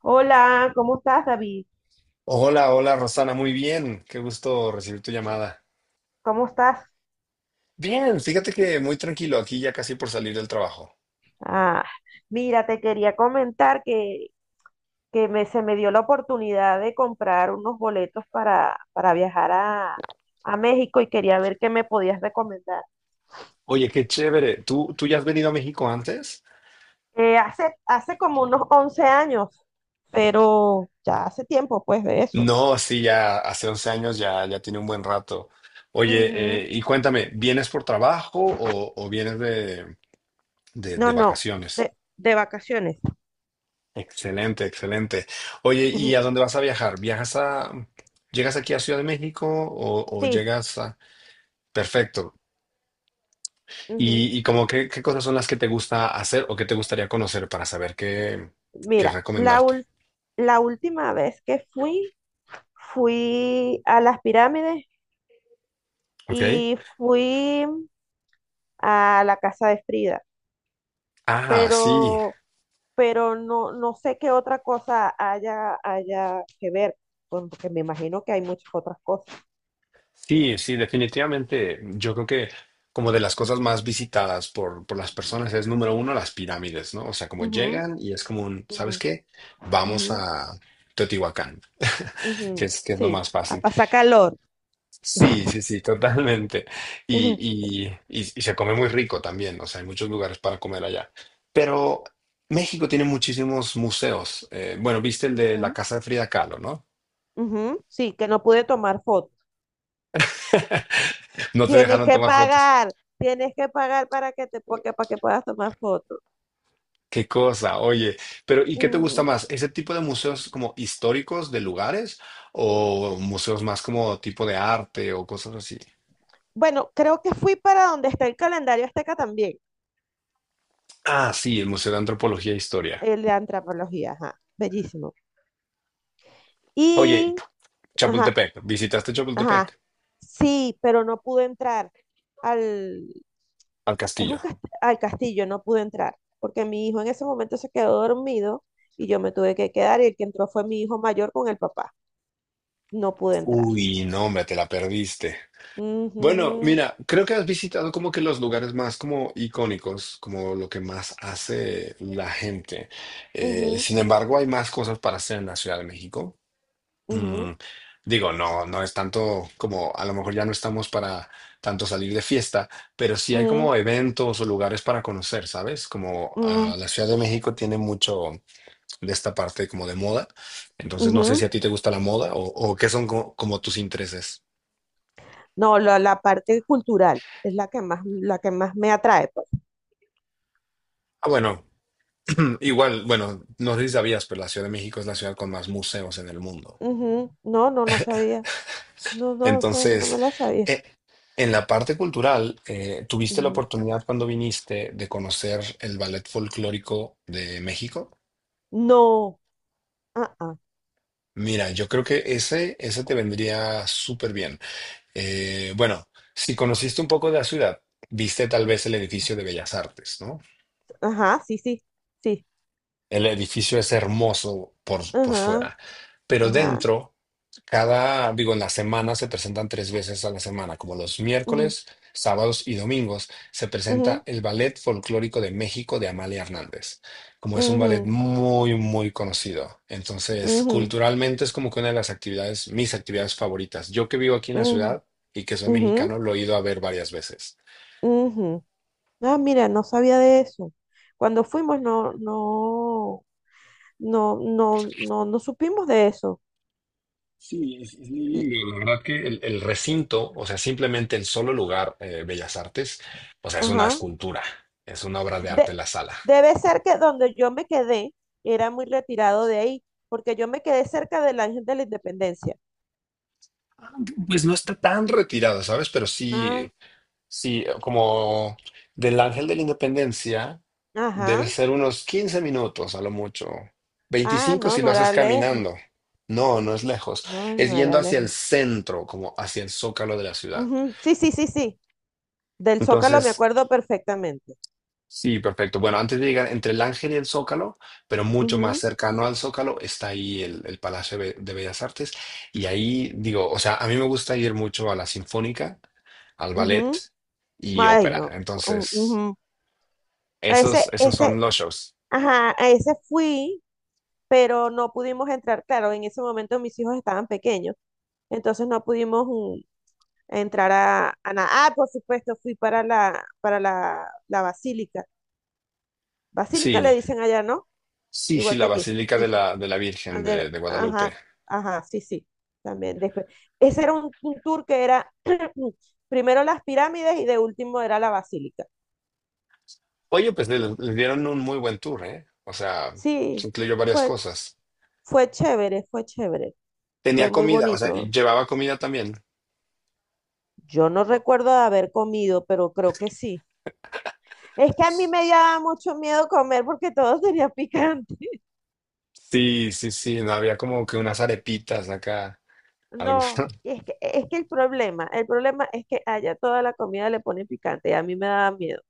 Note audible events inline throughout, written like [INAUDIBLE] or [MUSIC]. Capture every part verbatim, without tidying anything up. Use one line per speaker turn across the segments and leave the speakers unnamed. Hola, ¿cómo estás, David?
Hola, hola Rosana, muy bien. Qué gusto recibir tu llamada.
¿Cómo estás?
Bien, fíjate que muy tranquilo, aquí ya casi por salir del trabajo.
Ah, mira, te quería comentar que, que me, se me dio la oportunidad de comprar unos boletos para, para viajar a, a México y quería ver qué me podías recomendar.
Oye, qué chévere. ¿Tú, tú ya has venido a México antes?
Eh, hace, hace como unos once años, pero ya hace tiempo, pues, de eso.
No, sí, ya hace once años, ya, ya tiene un buen rato. Oye,
Ujú.
eh, y cuéntame, ¿vienes por trabajo o, o vienes de, de- de
No, no,
vacaciones?
de, de vacaciones.
Excelente, excelente. Oye, ¿y
Ujú.
a dónde vas a viajar? ¿Viajas a, llegas aquí a Ciudad de México o, o
Sí,
llegas a. Perfecto.
ujú.
Y, y como qué, qué, cosas son las que te gusta hacer o qué te gustaría conocer para saber qué, qué
Mira, la,
recomendarte.
ul- la última vez que fui fui a las pirámides
¿Ok?
y fui a la casa de Frida,
Ah, sí,
pero, pero no, no sé qué otra cosa haya, haya que ver, porque me imagino que hay muchas otras cosas.
sí, sí, definitivamente. Yo creo que como de las cosas más visitadas por, por las personas es número uno las pirámides, ¿no? O sea, como
Ujú,
llegan y es como un,
ujú,
¿sabes qué?
ujú,
Vamos a Teotihuacán,
ujú.
que es, que es lo
Sí,
más
a
fácil.
pasar calor.
Sí,
[LAUGHS]
sí, sí, totalmente. Y, y, y, y se come muy rico también, o sea, hay muchos lugares para comer allá. Pero México tiene muchísimos museos. Eh, bueno, viste el de la
Ujú,
casa de Frida Kahlo, ¿no?
ujú. Sí, que no pude tomar fotos.
[LAUGHS] No te
Tienes
dejaron
que
tomar fotos.
pagar, tienes que pagar para que te, porque, para que puedas tomar fotos.
Qué cosa, oye. Pero ¿y qué te gusta más? ¿Ese tipo de museos como históricos de lugares o museos más como tipo de arte o cosas así?
Bueno, creo que fui para donde está el calendario azteca también,
Ah, sí, el Museo de Antropología e Historia.
el de antropología, ajá, bellísimo.
Oye,
Y ajá,
Chapultepec, ¿visitaste
ajá,
Chapultepec?
sí, pero no pude entrar al,
Al
es un
castillo.
cast- al castillo, no pude entrar, porque mi hijo en ese momento se quedó dormido y yo me tuve que quedar y el que entró fue mi hijo mayor con el papá. No pude entrar.
Uy, no, hombre, te la perdiste. Bueno,
Ujú,
mira, creo que has visitado como que los lugares más como icónicos, como lo que más hace la gente. Eh,
ujú,
sin embargo, hay más cosas para hacer en la Ciudad de México. Mm,
ujú,
Digo, no, no es tanto como, a lo mejor ya no estamos para tanto salir de fiesta, pero sí hay como
ujú,
eventos o lugares para conocer, ¿sabes? Como ah,
ujú,
la Ciudad de México tiene mucho de esta parte como de moda. Entonces, no sé si
ujú.
a ti te gusta la moda o, o qué son co- como tus intereses.
No, la, la parte cultural es la que más, la que más me atrae, pues.
Ah, bueno, [CLEARS THROAT] igual, bueno, no sé si sabías, pero la Ciudad de México es la ciudad con más museos en el mundo.
Ujú. No, no, no sabía. No, no, o sea, no me
Entonces,
la sabía.
eh, en la parte cultural, eh, ¿tuviste la
Ujú.
oportunidad cuando viniste de conocer el ballet folclórico de México?
No. Ah, ah.
Mira, yo creo que ese, ese te vendría súper bien. Eh, bueno, si conociste un poco de la ciudad, viste tal vez el edificio de Bellas Artes, ¿no?
Ajá, sí, sí. Sí.
El edificio es hermoso por, por
Ajá,
fuera, pero
ajá.
dentro, cada, digo, en la semana se presentan tres veces a la semana, como los
Ujú,
miércoles, sábados y domingos, se presenta
ujú,
el Ballet Folclórico de México de Amalia Hernández, como es un ballet
ujú,
muy, muy conocido. Entonces,
ujú,
culturalmente es como que una de las actividades, mis actividades favoritas. Yo que vivo aquí en la
ujú,
ciudad y que soy
ujú,
mexicano, lo he ido a ver varias veces.
ujú. Ah, mira, no sabía de eso. Cuando fuimos no, no, no, no, no, no supimos de eso.
Sí, es, es muy
Y
lindo. La verdad que el, el recinto, o sea, simplemente el solo lugar, eh, Bellas Artes, o sea, es una
ajá.
escultura, es una obra de
De-
arte la sala.
Debe ser que donde yo me quedé era muy retirado de ahí, porque yo me quedé cerca del Ángel de la Independencia.
Pues no está tan retirada, ¿sabes? Pero
Ah.
sí, sí, como del Ángel de la Independencia, debe
Ajá.
ser unos quince minutos a lo mucho.
Ah,
Veinticinco
no,
si
no
lo
era
haces
lejos.
caminando. No, no es lejos.
No,
Es
no
yendo
era
hacia
lejos.
el centro, como hacia el zócalo de la ciudad.
Ujú. Sí, sí, sí, sí. Del Zócalo me
Entonces,
acuerdo perfectamente.
sí, perfecto. Bueno, antes de llegar entre el Ángel y el Zócalo, pero mucho más
Ujú,
cercano al Zócalo, está ahí el, el Palacio de Be- de Bellas Artes. Y ahí digo, o sea, a mí me gusta ir mucho a la Sinfónica, al
ujú.
ballet y
Ay,
ópera.
no. U-
Entonces,
ujú. Ese,
esos, esos
ese,
son los shows.
ajá, a ese fui, pero no pudimos entrar. Claro, en ese momento mis hijos estaban pequeños, entonces no pudimos mm, entrar a, a nada. Ah, por supuesto, fui para la, para la, la basílica. Basílica le
Sí,
dicen allá, ¿no?
sí, sí,
Igual que
la
aquí.
Basílica
Sí,
de
sí.
la, de la Virgen de,
Ander-
de Guadalupe.
ajá, ajá, sí, sí, también después. Ese era un, un tour que era [CLEARS THROAT] primero las pirámides y de último era la basílica.
Oye, pues le, le dieron un muy buen tour, ¿eh? O sea, se
Sí,
incluyó varias
fue,
cosas.
fue chévere, fue chévere, fue
Tenía
muy
comida, o sea, y
bonito.
llevaba comida también.
Yo no recuerdo de haber comido, pero creo que sí. Es que a mí me daba mucho miedo comer porque todo sería picante. [LAUGHS]
Sí, sí, sí, no había como que unas arepitas acá, algo.
No, y
[LAUGHS]
es que, es que el problema, el problema es que allá toda la comida le pone picante y a mí me daba miedo.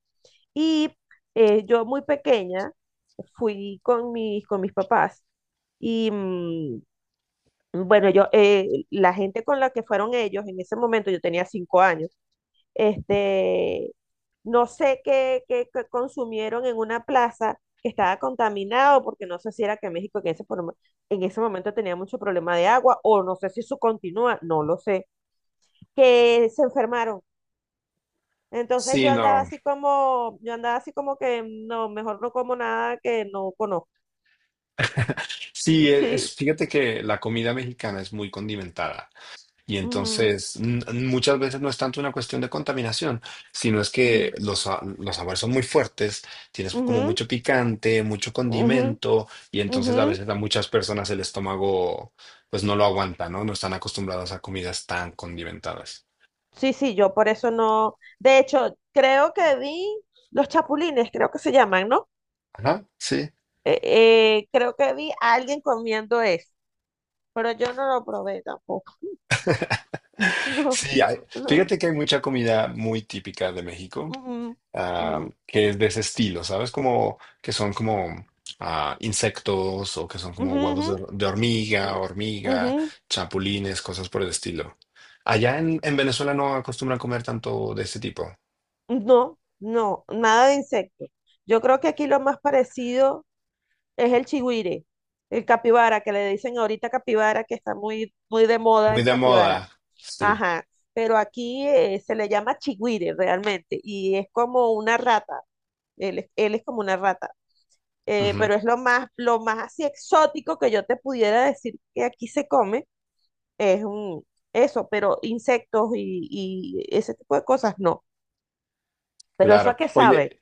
Y eh, yo muy pequeña fui con mis, con mis papás y mm, bueno, yo, eh, la gente con la que fueron ellos en ese momento, yo tenía cinco años, este, no sé qué, qué, qué consumieron en una plaza que estaba contaminado, porque no sé si era que México en ese, forma- en ese momento tenía mucho problema de agua, o no sé si eso continúa, no lo sé, que se enfermaron. Entonces
Sí,
yo andaba
no.
así como, yo andaba así como que no, mejor no como nada que no conozco.
Sí, e-
Sí.
es, fíjate que la comida mexicana es muy condimentada y
Ujú,
entonces n- muchas veces no es tanto una cuestión de contaminación, sino es que
ujú,
los, sa- los sabores son muy fuertes, tienes como
ujú,
mucho picante, mucho
ujú,
condimento y entonces a
ujú.
veces a muchas personas el estómago pues no lo aguanta, ¿no? No están acostumbradas a comidas tan condimentadas.
Sí, sí, yo por eso no. De hecho, creo que vi los chapulines, creo que se llaman, ¿no?
Ajá, sí.
Eh, eh, creo que vi a alguien comiendo eso, pero yo no lo probé tampoco. [LAUGHS] No,
Sí, hay-
no.
fíjate que hay mucha comida muy típica de México,
Ujú,
ah,
ujú,
que es de ese estilo, ¿sabes? Como que son como ah, insectos o que son como
ujú,
huevos de,
ujú,
hor- de hormiga,
ujú.
hormiga, chapulines, cosas por el estilo. Allá en, en Venezuela no acostumbran comer tanto de ese tipo.
No, no, nada de insecto. Yo creo que aquí lo más parecido es el chigüire, el capibara, que le dicen ahorita capibara, que está muy, muy de moda
Muy
el
de
capibara.
moda, sí.
Ajá, pero aquí eh, se le llama chigüire realmente y es como una rata, él, es- él es como una rata. Eh,
Ujú,
pero es lo más, lo más así exótico que yo te pudiera decir que aquí se come, es un, eso, pero insectos y, y ese tipo de cosas no. Pero eso a
claro.
qué sabe.
Oye,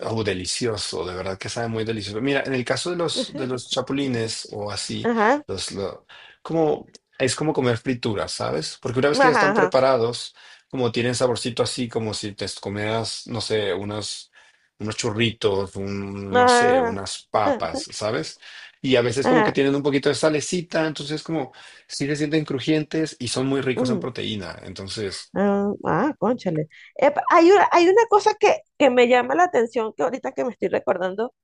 Oh, delicioso, de verdad que sabe muy delicioso. Mira, en el caso de los, de los
[LAUGHS]
chapulines o así,
Ajá.
los, lo- como, es como comer frituras, ¿sabes? Porque una vez que ya
Ajá,
están
ajá,
preparados, como tienen saborcito así, como si te comieras, no sé, unos, unos churritos, un, no sé,
ajá,
unas
[LAUGHS]
papas, ¿sabes? Y a veces como que
ajá,
tienen un poquito de salecita, entonces como sí se sienten crujientes y son muy ricos en
ujú,
proteína. Entonces,
ah, ah, cónchale. Epa, hay una, hay una cosa que, que me llama la atención que ahorita que me estoy recordando,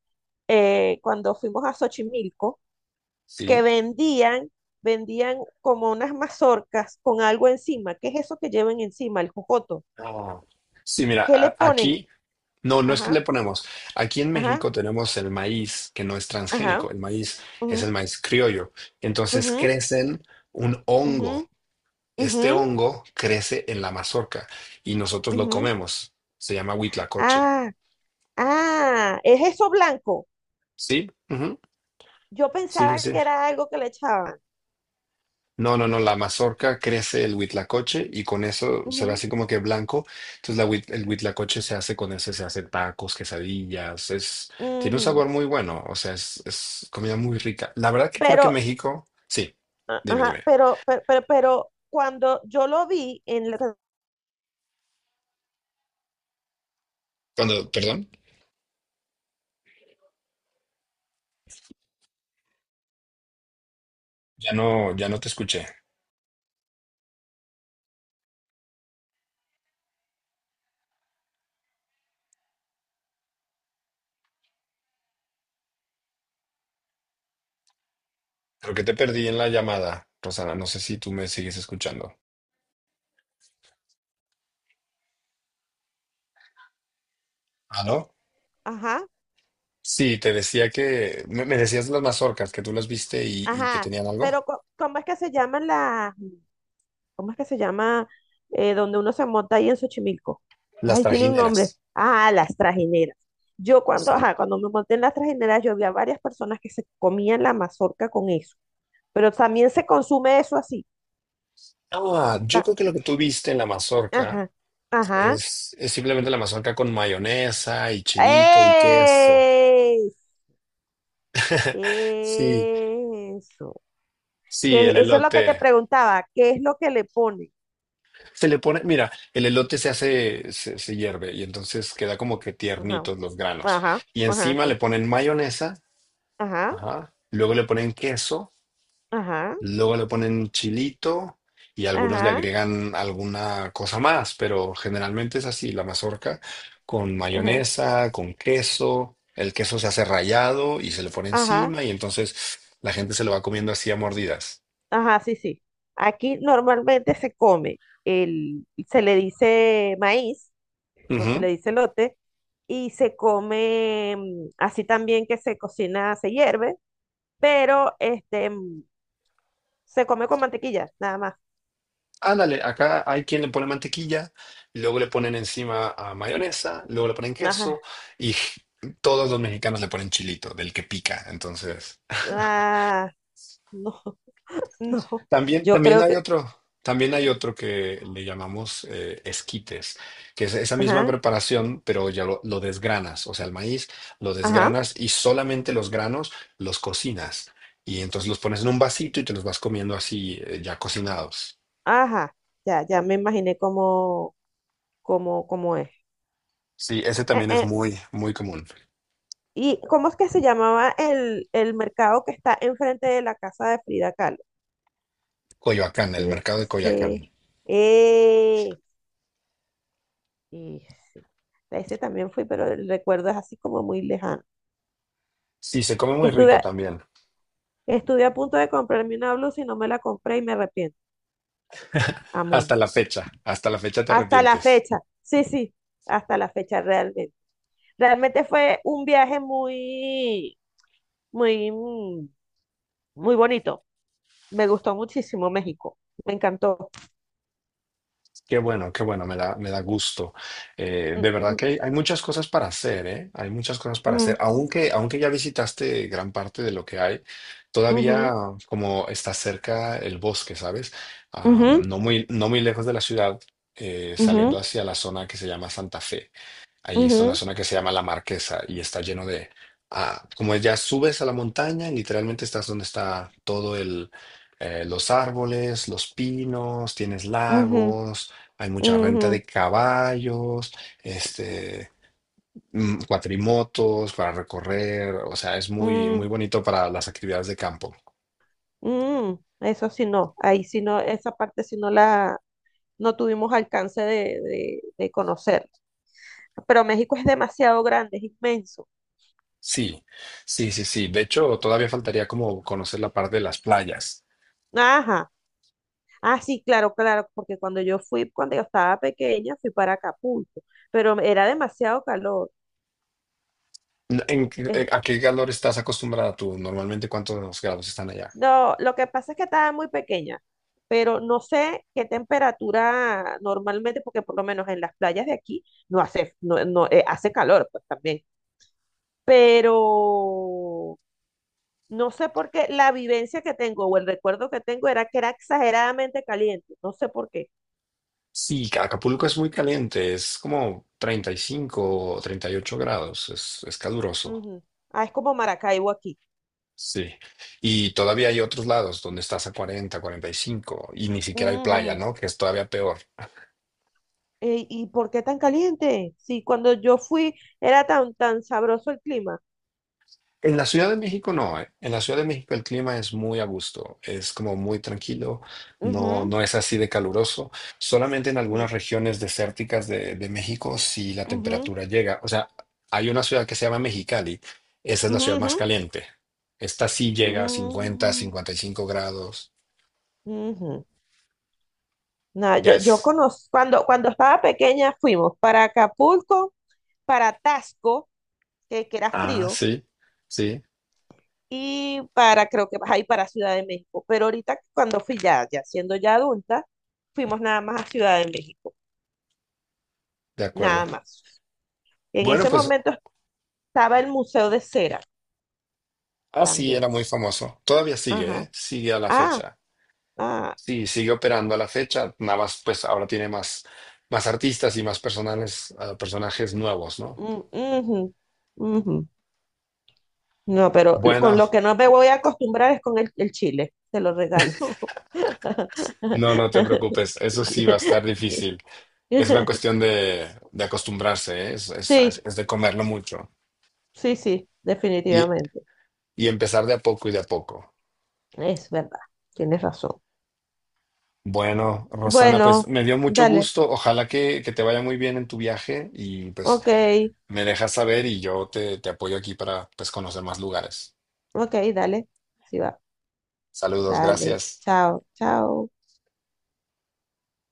eh, cuando fuimos a Xochimilco, que
sí.
vendían, vendían como unas mazorcas con algo encima. ¿Qué es eso que llevan encima? El jocoto.
Ah. Sí, mira,
¿Qué le
a-
ponen?
aquí. No, no es que le
Ajá,
ponemos. Aquí en
ajá,
México tenemos el maíz que no es
ajá,
transgénico. El maíz es el
ujú,
maíz criollo. Entonces
ujú,
crecen un hongo.
ujú, ujú,
Este hongo crece en la mazorca y nosotros lo
ujú.
comemos. Se llama huitlacoche.
Ah, ah, es eso blanco.
Sí, ujú.
Yo
Sí, sí,
pensaba
sí.
que era algo que le echaban.
No, no, no, la mazorca crece el huitlacoche y con eso se ve
Ujú,
así como que blanco. Entonces la huit- el huitlacoche se hace con eso, se hacen tacos, quesadillas, es, tiene un sabor
ujú.
muy bueno, o sea, es, es comida muy rica. La verdad que creo que
Pero,
México, sí,
a-
dime,
ajá,
dime.
pero, pero, pero, pero cuando yo lo vi en la-
Cuando, perdón, ya no, ya no te escuché. Creo que te perdí en la llamada, Rosana, no sé si tú me sigues escuchando. ¿Ah, no?
ajá,
Sí, te decía que, me, me decías las mazorcas, que tú las viste y, y que
ajá,
tenían algo.
pero co- ¿cómo es que se llaman las, cómo es que se llama eh, donde uno se monta ahí en Xochimilco?
Las
Ay, tiene un nombre.
trajineras.
Ah, las trajineras. Yo cuando, ajá, cuando me monté en las trajineras, yo vi a varias personas que se comían la mazorca con eso, pero también se consume eso así.
Ah, yo
ta-
creo que lo que tú viste en la mazorca
Ajá, ajá.
es, es simplemente la mazorca con mayonesa y chilito y queso.
¡Ey!
[LAUGHS] Sí,
Eso.
sí,
Que
el
eso es lo que te
elote.
preguntaba. ¿Qué es lo que le pone?
Se le pone, mira, el elote se hace, se, se hierve y entonces queda como que
Ajá.
tiernitos los granos.
Ajá.
Y
Ajá.
encima le
¿No?
ponen mayonesa,
Ajá.
ajá, luego le ponen queso.
Ajá.
Luego le ponen chilito y algunos le
Ajá.
agregan alguna cosa más, pero generalmente es así, la mazorca con
Ajá.
mayonesa, con queso, el queso se hace rallado y se le pone
Ajá.
encima y entonces la gente se lo va comiendo así a mordidas.
Ajá. Sí, sí. Aquí normalmente se come el, se le dice maíz, no se le
Ujú.
dice lote, y se come mm, así también que se cocina, se hierve, pero este mm, se come con mantequilla, nada más.
Ándale, acá hay quien le pone mantequilla, luego le ponen encima a mayonesa, luego le ponen
Ajá.
queso y todos los mexicanos le ponen chilito, del que pica, entonces.
Ah, no, [LAUGHS] no.
También,
Yo
también
creo
hay
que
otro, también hay otro que le llamamos eh, esquites, que es esa misma
ajá,
preparación, pero ya lo, lo desgranas, o sea, el maíz lo
ajá,
desgranas y solamente los granos los cocinas. Y entonces los pones en un vasito y te los vas comiendo así, eh, ya cocinados.
ajá. Ya, ya me imaginé cómo, cómo, cómo es.
Sí, ese
Eh,
también es
eh,
muy, muy común.
¿y cómo es que se llamaba el, el mercado que está enfrente de la casa de Frida Kahlo?
Coyoacán, el mercado de
Ese,
Coyoacán.
eh, ese, a ese también fui, pero el recuerdo es así como muy lejano.
Sí, se come
Que
muy
estuve,
rico
a-
también.
estuve a punto de comprarme una blusa y no me la compré y me arrepiento.
Hasta
Amundo.
la fecha, hasta la fecha te
Hasta la
arrepientes.
fecha. Sí, sí, hasta la fecha realmente. Realmente fue un viaje muy muy, mm, muy bonito. Me gustó muchísimo México. Me encantó.
Qué bueno, qué bueno, me da, me da gusto. Eh,
Mm,
de verdad
mm,
que hay, hay muchas cosas para hacer, ¿eh? Hay muchas cosas para hacer. Aunque, aunque ya visitaste gran parte de lo que hay,
mm,
todavía
mm,
como está cerca el bosque, ¿sabes? Ah,
ujú,
no muy, no muy lejos de la ciudad, eh, saliendo
ujú,
hacia la zona que se llama Santa Fe. Ahí es una
ujú,
zona que se llama La Marquesa y está lleno de. Ah, como ya subes a la montaña, literalmente estás donde está todo el. Eh, los árboles, los pinos, tienes
ujú,
lagos, hay mucha renta de
ujú,
caballos, este, mm, cuatrimotos para recorrer, o sea, es muy, muy
ujú,
bonito para las actividades de campo.
mm, mm. Eso sí no, ahí sí no, esa parte sí no la, no tuvimos alcance de, de, de conocer. Pero México es demasiado grande, es inmenso.
Sí, sí, sí, sí. De hecho, todavía faltaría como conocer la parte de las playas.
Ajá. Ah, sí, claro, claro, porque cuando yo fui, cuando yo estaba pequeña, fui para Acapulco, pero era demasiado calor.
¿En qué- eh,
Es-
a qué calor estás acostumbrada tú? Normalmente, ¿cuántos grados están allá?
No, lo que pasa es que estaba muy pequeña, pero no sé qué temperatura normalmente, porque por lo menos en las playas de aquí no hace, no, no, eh, hace calor, pues también. Pero no sé por qué la vivencia que tengo o el recuerdo que tengo era que era exageradamente caliente. No sé por qué.
Sí, Ca- Acapulco es muy caliente, es como treinta y cinco o treinta y ocho grados, es, es caluroso.
Ujú. Ah, es como Maracaibo aquí.
Sí. Y todavía hay otros lados donde estás a cuarenta, cuarenta y cinco, y ni siquiera hay playa,
Ujú.
¿no? Que es todavía peor.
Ey, ¿y por qué tan caliente? Si cuando yo fui era tan, tan sabroso el clima.
En la Ciudad de México no, eh. En la Ciudad de México el clima es muy a gusto, es como muy tranquilo, no,
Ujú,
no es así de caluroso. Solamente en
mm,
algunas regiones desérticas de, de México si la
ujú,
temperatura llega. O sea, hay una ciudad que se llama Mexicali, esa es la
ujú,
ciudad
ujú.
más caliente. Esta sí llega a cincuenta,
Mm,
cincuenta y cinco grados.
ujú. No,
Ya
yo, yo
es.
conozco, cuando, cuando estaba pequeña fuimos para Acapulco, para Tasco, que, que era
Ah,
frío,
sí, sí,
y para, creo que ahí para Ciudad de México. Pero ahorita cuando fui ya, ya siendo ya adulta, fuimos nada más a Ciudad de México,
de
nada
acuerdo.
más. En
Bueno,
ese
pues
momento estaba el Museo de Cera
así
también.
era muy famoso. Todavía sigue,
Ajá.
¿eh? Sigue a la
Ah,
fecha.
ah,
Sí, sigue operando a la fecha, nada más pues ahora tiene más, más artistas y más personales, ah, personajes nuevos, ¿no?
mm, ujú, ujú. No, pero con
Bueno,
lo que no me voy a acostumbrar es con el, el chile, te lo regalo. [LAUGHS]
no, no te preocupes,
[LAUGHS]
eso sí va a estar difícil. Es una cuestión de, de acostumbrarse, ¿eh? Es, es,
Sí,
es de comerlo mucho
sí, sí,
y,
definitivamente.
y empezar de a poco y de a poco.
Es verdad, tienes razón.
Bueno, Rosana, pues
Bueno,
me dio mucho
dale,
gusto, ojalá que, que te vaya muy bien en tu viaje y pues
ok,
me dejas saber y yo te, te apoyo aquí para pues conocer más lugares.
ok, dale. Sí va,
Saludos,
dale,
gracias.
chao, chao.